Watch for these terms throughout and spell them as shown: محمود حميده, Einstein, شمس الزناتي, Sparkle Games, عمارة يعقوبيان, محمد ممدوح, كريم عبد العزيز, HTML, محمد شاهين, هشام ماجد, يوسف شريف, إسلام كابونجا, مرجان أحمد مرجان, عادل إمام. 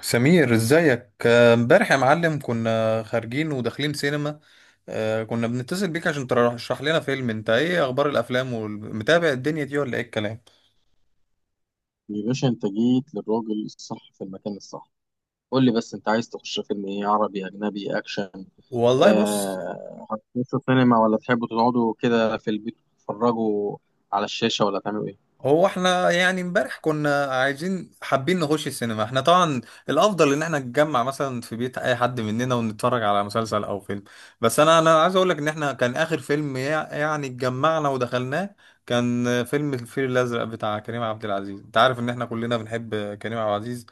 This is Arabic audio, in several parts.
سمير ازيك، امبارح يا معلم كنا خارجين وداخلين سينما. كنا بنتصل بيك عشان ترشح لنا فيلم. انت ايه اخبار الافلام ومتابع الدنيا دي ولا ايه الكلام؟ يا باشا انت جيت للراجل الصح في المكان الصح. قول لي بس، انت عايز تخش فيلم ايه؟ عربي، اجنبي، اكشن؟ والله بص، آه، هتخشوا سينما ولا تحبوا تقعدوا كده في البيت تتفرجوا على الشاشة ولا تعملوا ايه؟ هو احنا يعني امبارح كنا عايزين حابين نخش السينما. احنا طبعا الافضل ان احنا نتجمع مثلا في بيت اي حد مننا ونتفرج على مسلسل او فيلم. بس انا عايز اقول لك ان احنا كان اخر فيلم يعني اتجمعنا ودخلناه كان فيلم الفيل الازرق بتاع كريم عبد العزيز. انت عارف ان احنا كلنا بنحب كريم عبد العزيز،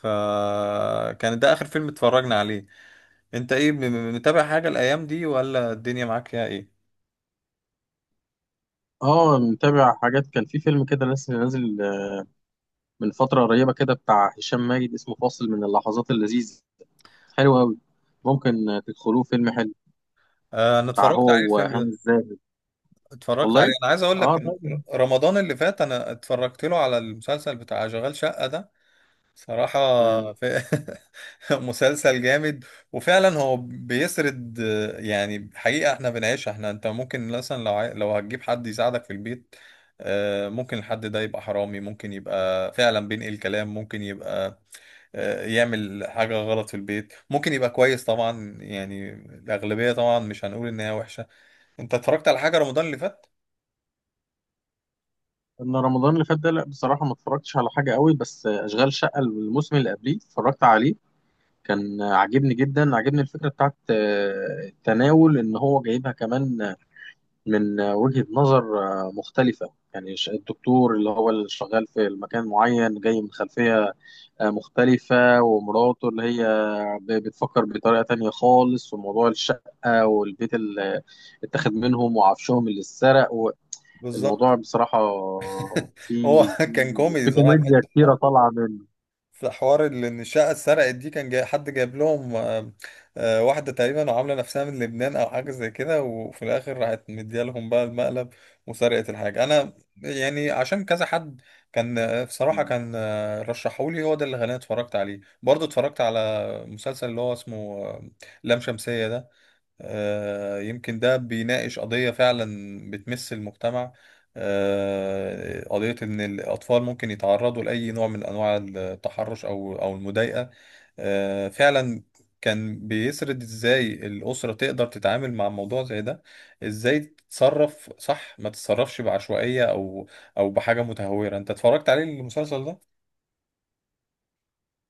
فكان ده اخر فيلم اتفرجنا عليه. انت ايه، متابع حاجة الايام دي ولا الدنيا معاك فيها ايه؟ اه متابع حاجات، كان في فيلم كده لسه نازل من فترة قريبة كده بتاع هشام ماجد، اسمه فاصل من اللحظات اللذيذة. حلو قوي. ممكن تدخلوه، فيلم حلو اه، انا بتاع اتفرجت هو عليه الفيلم وهاني ده. الزاهد. اتفرجت عليه، والله. انا عايز اقول اه لك إن طيب. رمضان اللي فات انا اتفرجت له على المسلسل بتاع شغال شقة ده. صراحة في مسلسل جامد. وفعلا هو بيسرد يعني حقيقة احنا بنعيشها. احنا انت ممكن مثلا لو لو هتجيب حد يساعدك في البيت، ممكن الحد ده يبقى حرامي، ممكن يبقى فعلا بينقل كلام، ممكن يبقى يعمل حاجة غلط في البيت، ممكن يبقى كويس طبعا. يعني الأغلبية طبعا مش هنقول إن هي وحشة. أنت اتفرجت على حاجة رمضان اللي فات؟ انا رمضان اللي فات ده لا بصراحه ما اتفرجتش على حاجه قوي، بس اشغال شقه الموسم اللي قبليه اتفرجت عليه. كان عاجبني جدا، عاجبني الفكره بتاعت التناول، ان هو جايبها كمان من وجهه نظر مختلفه. يعني الدكتور اللي هو اللي شغال في المكان معين جاي من خلفيه مختلفه، ومراته اللي هي بتفكر بطريقه تانية خالص. وموضوع الشقه والبيت اللي اتاخد منهم وعفشهم اللي اتسرق، بالظبط. الموضوع بصراحة هو في كان في كوميدي صراحه في كوميديا حته. كتيرة طالعة منه. في حوار اللي ان الشقه اتسرقت دي كان جاي حد جايب لهم واحده تقريبا وعامله نفسها من لبنان او حاجه زي كده، وفي الاخر راحت مديالهم بقى المقلب وسرقت الحاجه. انا يعني عشان كذا حد كان بصراحه كان رشحولي، هو ده اللي خلاني اتفرجت عليه. برضه اتفرجت على مسلسل اللي هو اسمه آه، لام شمسيه ده. يمكن ده بيناقش قضية فعلا بتمس المجتمع، قضية إن الأطفال ممكن يتعرضوا لأي نوع من أنواع التحرش أو المضايقة. فعلا كان بيسرد إزاي الأسرة تقدر تتعامل مع موضوع زي ده، إزاي تتصرف صح ما تتصرفش بعشوائية أو أو بحاجة متهورة. أنت اتفرجت عليه المسلسل ده؟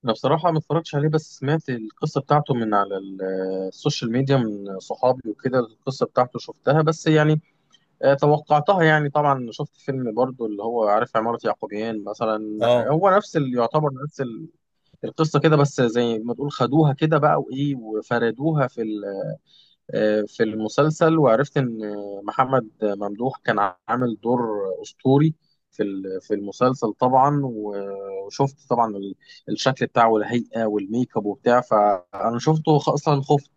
أنا بصراحة ما اتفرجتش عليه بس سمعت القصة بتاعته من على السوشيال ميديا، من صحابي وكده. القصة بتاعته شفتها، بس يعني توقعتها. يعني طبعا شفت فيلم برضو اللي هو عارف، عمارة يعقوبيان مثلا، آه، هو نفس اللي يعتبر نفس القصة كده، بس زي ما تقول خدوها كده بقى وإيه، وفردوها في في المسلسل. وعرفت ان محمد ممدوح كان عامل دور اسطوري في في المسلسل طبعا. وشفت طبعا الشكل بتاعه والهيئه والميك اب وبتاع، فانا شفته اصلا خفت.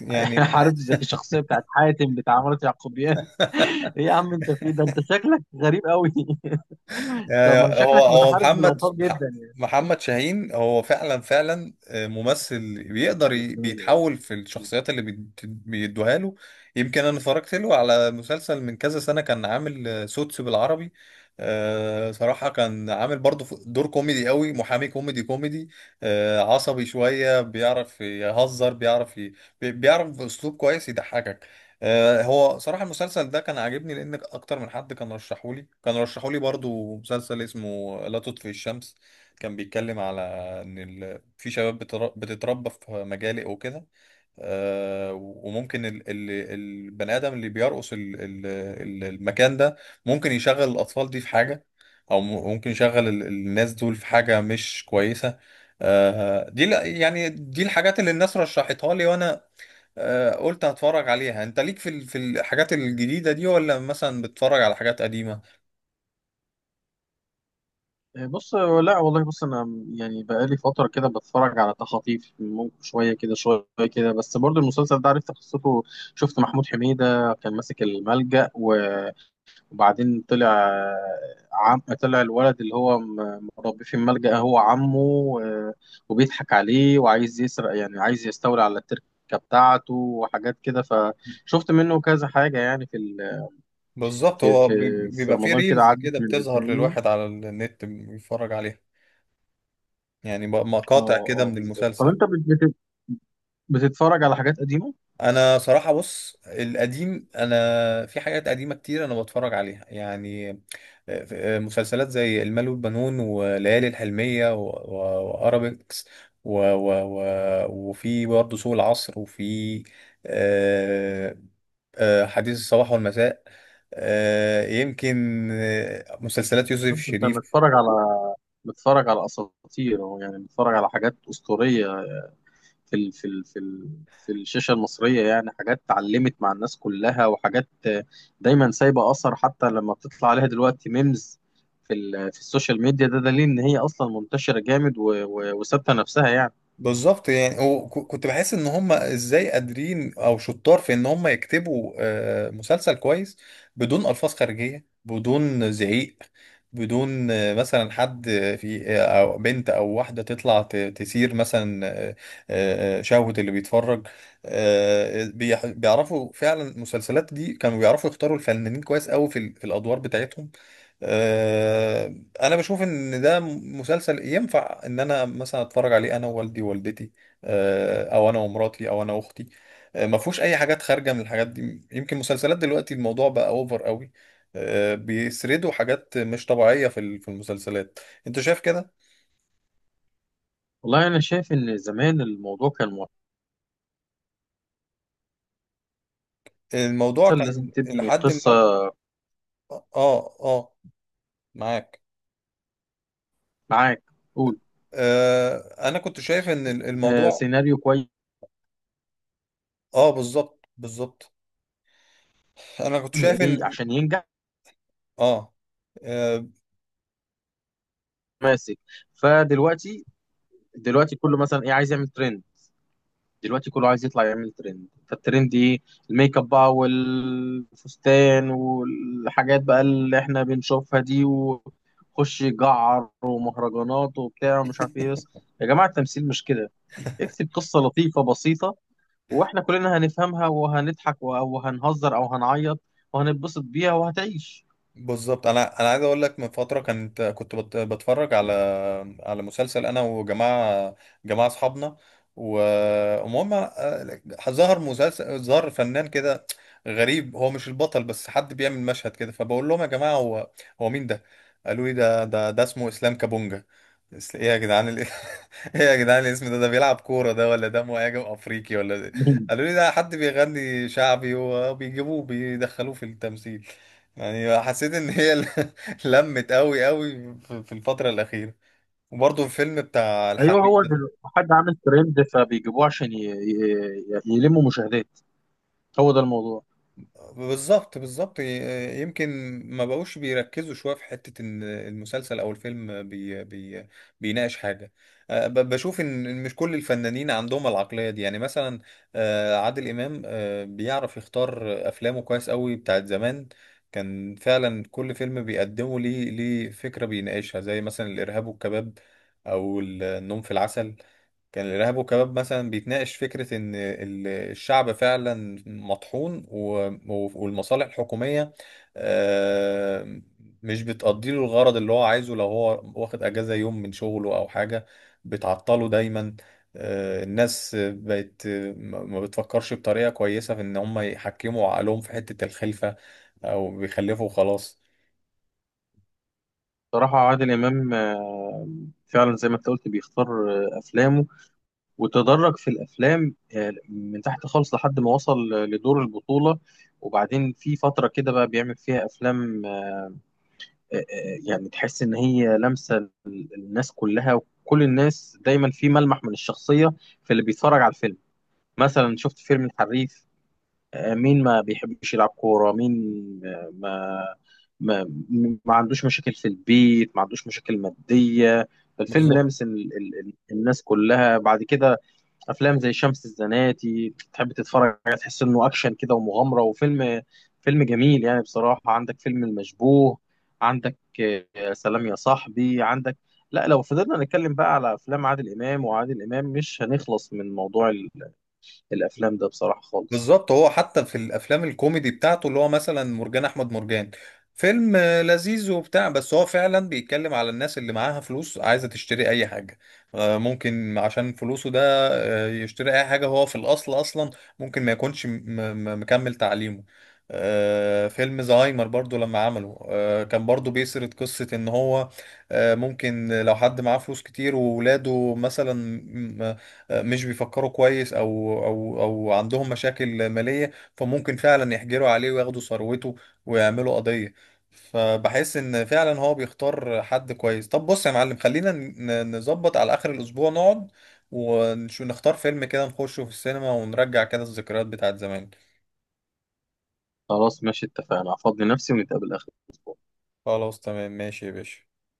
يعني عارف، زي الشخصيه بتاعت حاتم بتاع عمارة يعقوبيان. ايه يا عم انت في ده؟ انت شكلك غريب قوي. طب ما يعني هو شكلك هو متحرش محمد، بالاثار جدا يعني. محمد شاهين هو فعلا، فعلا ممثل بيقدر مش فاهم أوي. بيتحول في الشخصيات اللي بيدوها له. يمكن انا اتفرجت له على مسلسل من كذا سنة، كان عامل سوتس بالعربي. صراحة كان عامل برضه دور كوميدي قوي، محامي كوميدي كوميدي عصبي شوية، بيعرف يهزر، بيعرف بيعرف بأسلوب كويس يضحكك. هو صراحة المسلسل ده كان عاجبني. لأن أكتر من حد كان رشحولي، كان رشحولي برضو مسلسل اسمه لا تطفئ الشمس. كان بيتكلم على إن في شباب بتتربى في مجالي وكده. وممكن البني آدم اللي بيرقص المكان ده ممكن يشغل الأطفال دي في حاجة، أو ممكن يشغل الناس دول في حاجة مش كويسة. دي يعني دي الحاجات اللي الناس رشحتها لي، وانا قلت هتفرج عليها. انت ليك في في الحاجات الجديدة دي ولا مثلا بتتفرج على حاجات قديمة؟ بص، لا والله، بص انا يعني بقالي فتره كده بتفرج على تخاطيف، ممكن شويه كده شويه كده. بس برضو المسلسل ده عرفت قصته، شفت محمود حميده كان ماسك الملجأ وبعدين طلع، طلع الولد اللي هو مربيه في الملجأ هو عمه، وبيضحك عليه وعايز يسرق، يعني عايز يستولي على التركه بتاعته وحاجات كده. فشفت منه كذا حاجه يعني في بالظبط، في هو في بيبقى في رمضان كده ريلز عدت كده من بتظهر قدامي. للواحد على النت بيتفرج عليها. يعني مقاطع اه، كده اه من بالظبط. طب المسلسل. انت بتتفرج على حاجات قديمة؟ انا صراحة بص، القديم انا في حاجات قديمة كتير انا بتفرج عليها. يعني مسلسلات زي المال والبنون وليالي الحلمية وارابيكس و و و وفي برضه سوق العصر، وفي آه، حديث الصباح والمساء، يمكن مسلسلات يوسف طب انت شريف. متفرج على، متفرج على اساطير أهو، يعني متفرج على حاجات اسطورية في في الشاشة المصرية. يعني حاجات اتعلمت مع الناس كلها، وحاجات دايما سايبة اثر، حتى لما بتطلع عليها دلوقتي ميمز في في السوشيال ميديا، ده دليل ان هي اصلا منتشرة جامد وثابتة نفسها يعني. بالظبط. يعني وكنت بحس ان هم ازاي قادرين او شطار في ان هم يكتبوا مسلسل كويس بدون الفاظ خارجيه، بدون زعيق، بدون مثلا حد في او بنت او واحده تطلع تثير مثلا شهوه اللي بيتفرج. بيعرفوا فعلا المسلسلات دي كانوا بيعرفوا يختاروا الفنانين كويس قوي في في الادوار بتاعتهم. آه، انا بشوف ان ده مسلسل ينفع ان انا مثلا اتفرج عليه انا ووالدي ووالدتي، او انا ومراتي او انا واختي. ما فيهوش اي حاجات خارجه من الحاجات دي. يمكن مسلسلات دلوقتي الموضوع بقى اوفر قوي، بيسردوا حاجات مش طبيعيه في في المسلسلات. انت شايف كده؟ والله انا شايف ان زمان الموضوع كان مؤثر، الموضوع لازم كان تبني لحد قصة. ما، اه اه معاك. معاك، قول. آه، انا كنت شايف ان الموضوع، سيناريو كويس، اه بالظبط بالظبط. انا كنت شايف ايه ان، عشان ينجح. اه آه، ماسك. فدلوقتي، دلوقتي كله مثلا ايه، عايز يعمل ترند. دلوقتي كله عايز يطلع يعمل ترند، فالترند ايه؟ الميك اب بقى والفستان والحاجات بقى اللي احنا بنشوفها دي، وخش جعر ومهرجانات وبتاع ومش عارف ايه. بس يا جماعة التمثيل مش كده، اكتب قصة لطيفة بسيطة واحنا كلنا هنفهمها، وهنضحك وهنهزر او هنعيط وهنتبسط بيها وهتعيش. بالظبط. انا عايز اقول لك، من فتره كنت بتفرج على، على مسلسل انا وجماعه، جماعه اصحابنا، ومهم ظهر مسلسل، ظهر فنان كده غريب. هو مش البطل، بس حد بيعمل مشهد كده، فبقول لهم يا جماعه هو مين ده؟ قالوا لي ده اسمه اسلام كابونجا. ايه يا جدعان ايه يا جدعان الاسم ده؟ ده بيلعب كوره ده، ولا ده مهاجم افريقي، ولا ده؟ قالوا لي ده حد بيغني شعبي وبيجيبوه بيدخلوه في التمثيل. يعني حسيت ان هي لمت قوي قوي في في الفترة الأخيرة. وبرضه الفيلم بتاع ايوه، الحريفة هو ده. دل- حد عامل ترند فبيجيبوه عشان يلموا مشاهدات، هو ده الموضوع. بالظبط بالظبط، يمكن ما بقوش بيركزوا شويه في حته ان المسلسل او الفيلم بي بيناقش حاجه. أه، بشوف ان إن مش كل الفنانين عندهم العقليه دي. يعني مثلا عادل امام بيعرف يختار افلامه كويس قوي. بتاعت زمان كان فعلا كل فيلم بيقدمه ليه، ليه فكره بيناقشها، زي مثلا الارهاب والكباب او النوم في العسل. كان الإرهاب والكباب مثلا بيتناقش فكرة إن الشعب فعلا مطحون، والمصالح الحكومية آه، مش بتقضي له الغرض اللي هو عايزه، لو هو واخد أجازة يوم من شغله أو حاجة بتعطله دايما. الناس بقت ما بتفكرش بطريقة كويسة في إن هم يحكموا عقلهم في حتة الخلفة، أو بيخلفوا وخلاص. صراحة عادل إمام فعلا زي ما انت قلت بيختار أفلامه وتدرج في الأفلام من تحت خالص لحد ما وصل لدور البطولة. وبعدين في فترة كده بقى بيعمل فيها أفلام، يعني تحس إن هي لمسة الناس كلها، وكل الناس دايما في ملمح من الشخصية في اللي بيتفرج على الفيلم. مثلا شفت فيلم الحريف، مين ما بيحبش يلعب كورة؟ مين آه، ما ما ما عندوش مشاكل في البيت، ما عندوش مشاكل مادية؟ فالفيلم بالظبط لامس ال ال ال الناس كلها. بعد كده أفلام زي شمس الزناتي تحب تتفرج عليها، تحس إنه أكشن كده ومغامرة وفيلم، فيلم جميل. يعني بصراحة عندك فيلم المشبوه، عندك سلام يا صاحبي، عندك، لا لو فضلنا نتكلم بقى على أفلام عادل إمام، وعادل إمام مش هنخلص من موضوع الأفلام ده بصراحة خالص. بالظبط. هو حتى في الافلام الكوميدي بتاعته، اللي هو مثلا مرجان احمد مرجان، فيلم لذيذ وبتاع، بس هو فعلا بيتكلم على الناس اللي معاها فلوس عايزه تشتري اي حاجه، ممكن عشان فلوسه ده يشتري اي حاجه هو في الاصل اصلا ممكن ما يكونش مكمل تعليمه. فيلم زهايمر برضو لما عمله كان برضو بيسرد قصة ان هو ممكن لو حد معاه فلوس كتير وولاده مثلا مش بيفكروا كويس او او عندهم مشاكل ماليه، فممكن فعلا يحجروا عليه وياخدوا ثروته ويعملوا قضيه. فبحس ان فعلا هو بيختار حد كويس. طب بص يا معلم، خلينا نظبط على اخر الاسبوع، نقعد ونختار فيلم كده نخشه في السينما ونرجع كده الذكريات بتاعت زمان. خلاص ماشي، اتفقنا، هفضي نفسي ونتقابل آخر الأسبوع. خلاص تمام، ماشي يا باشا.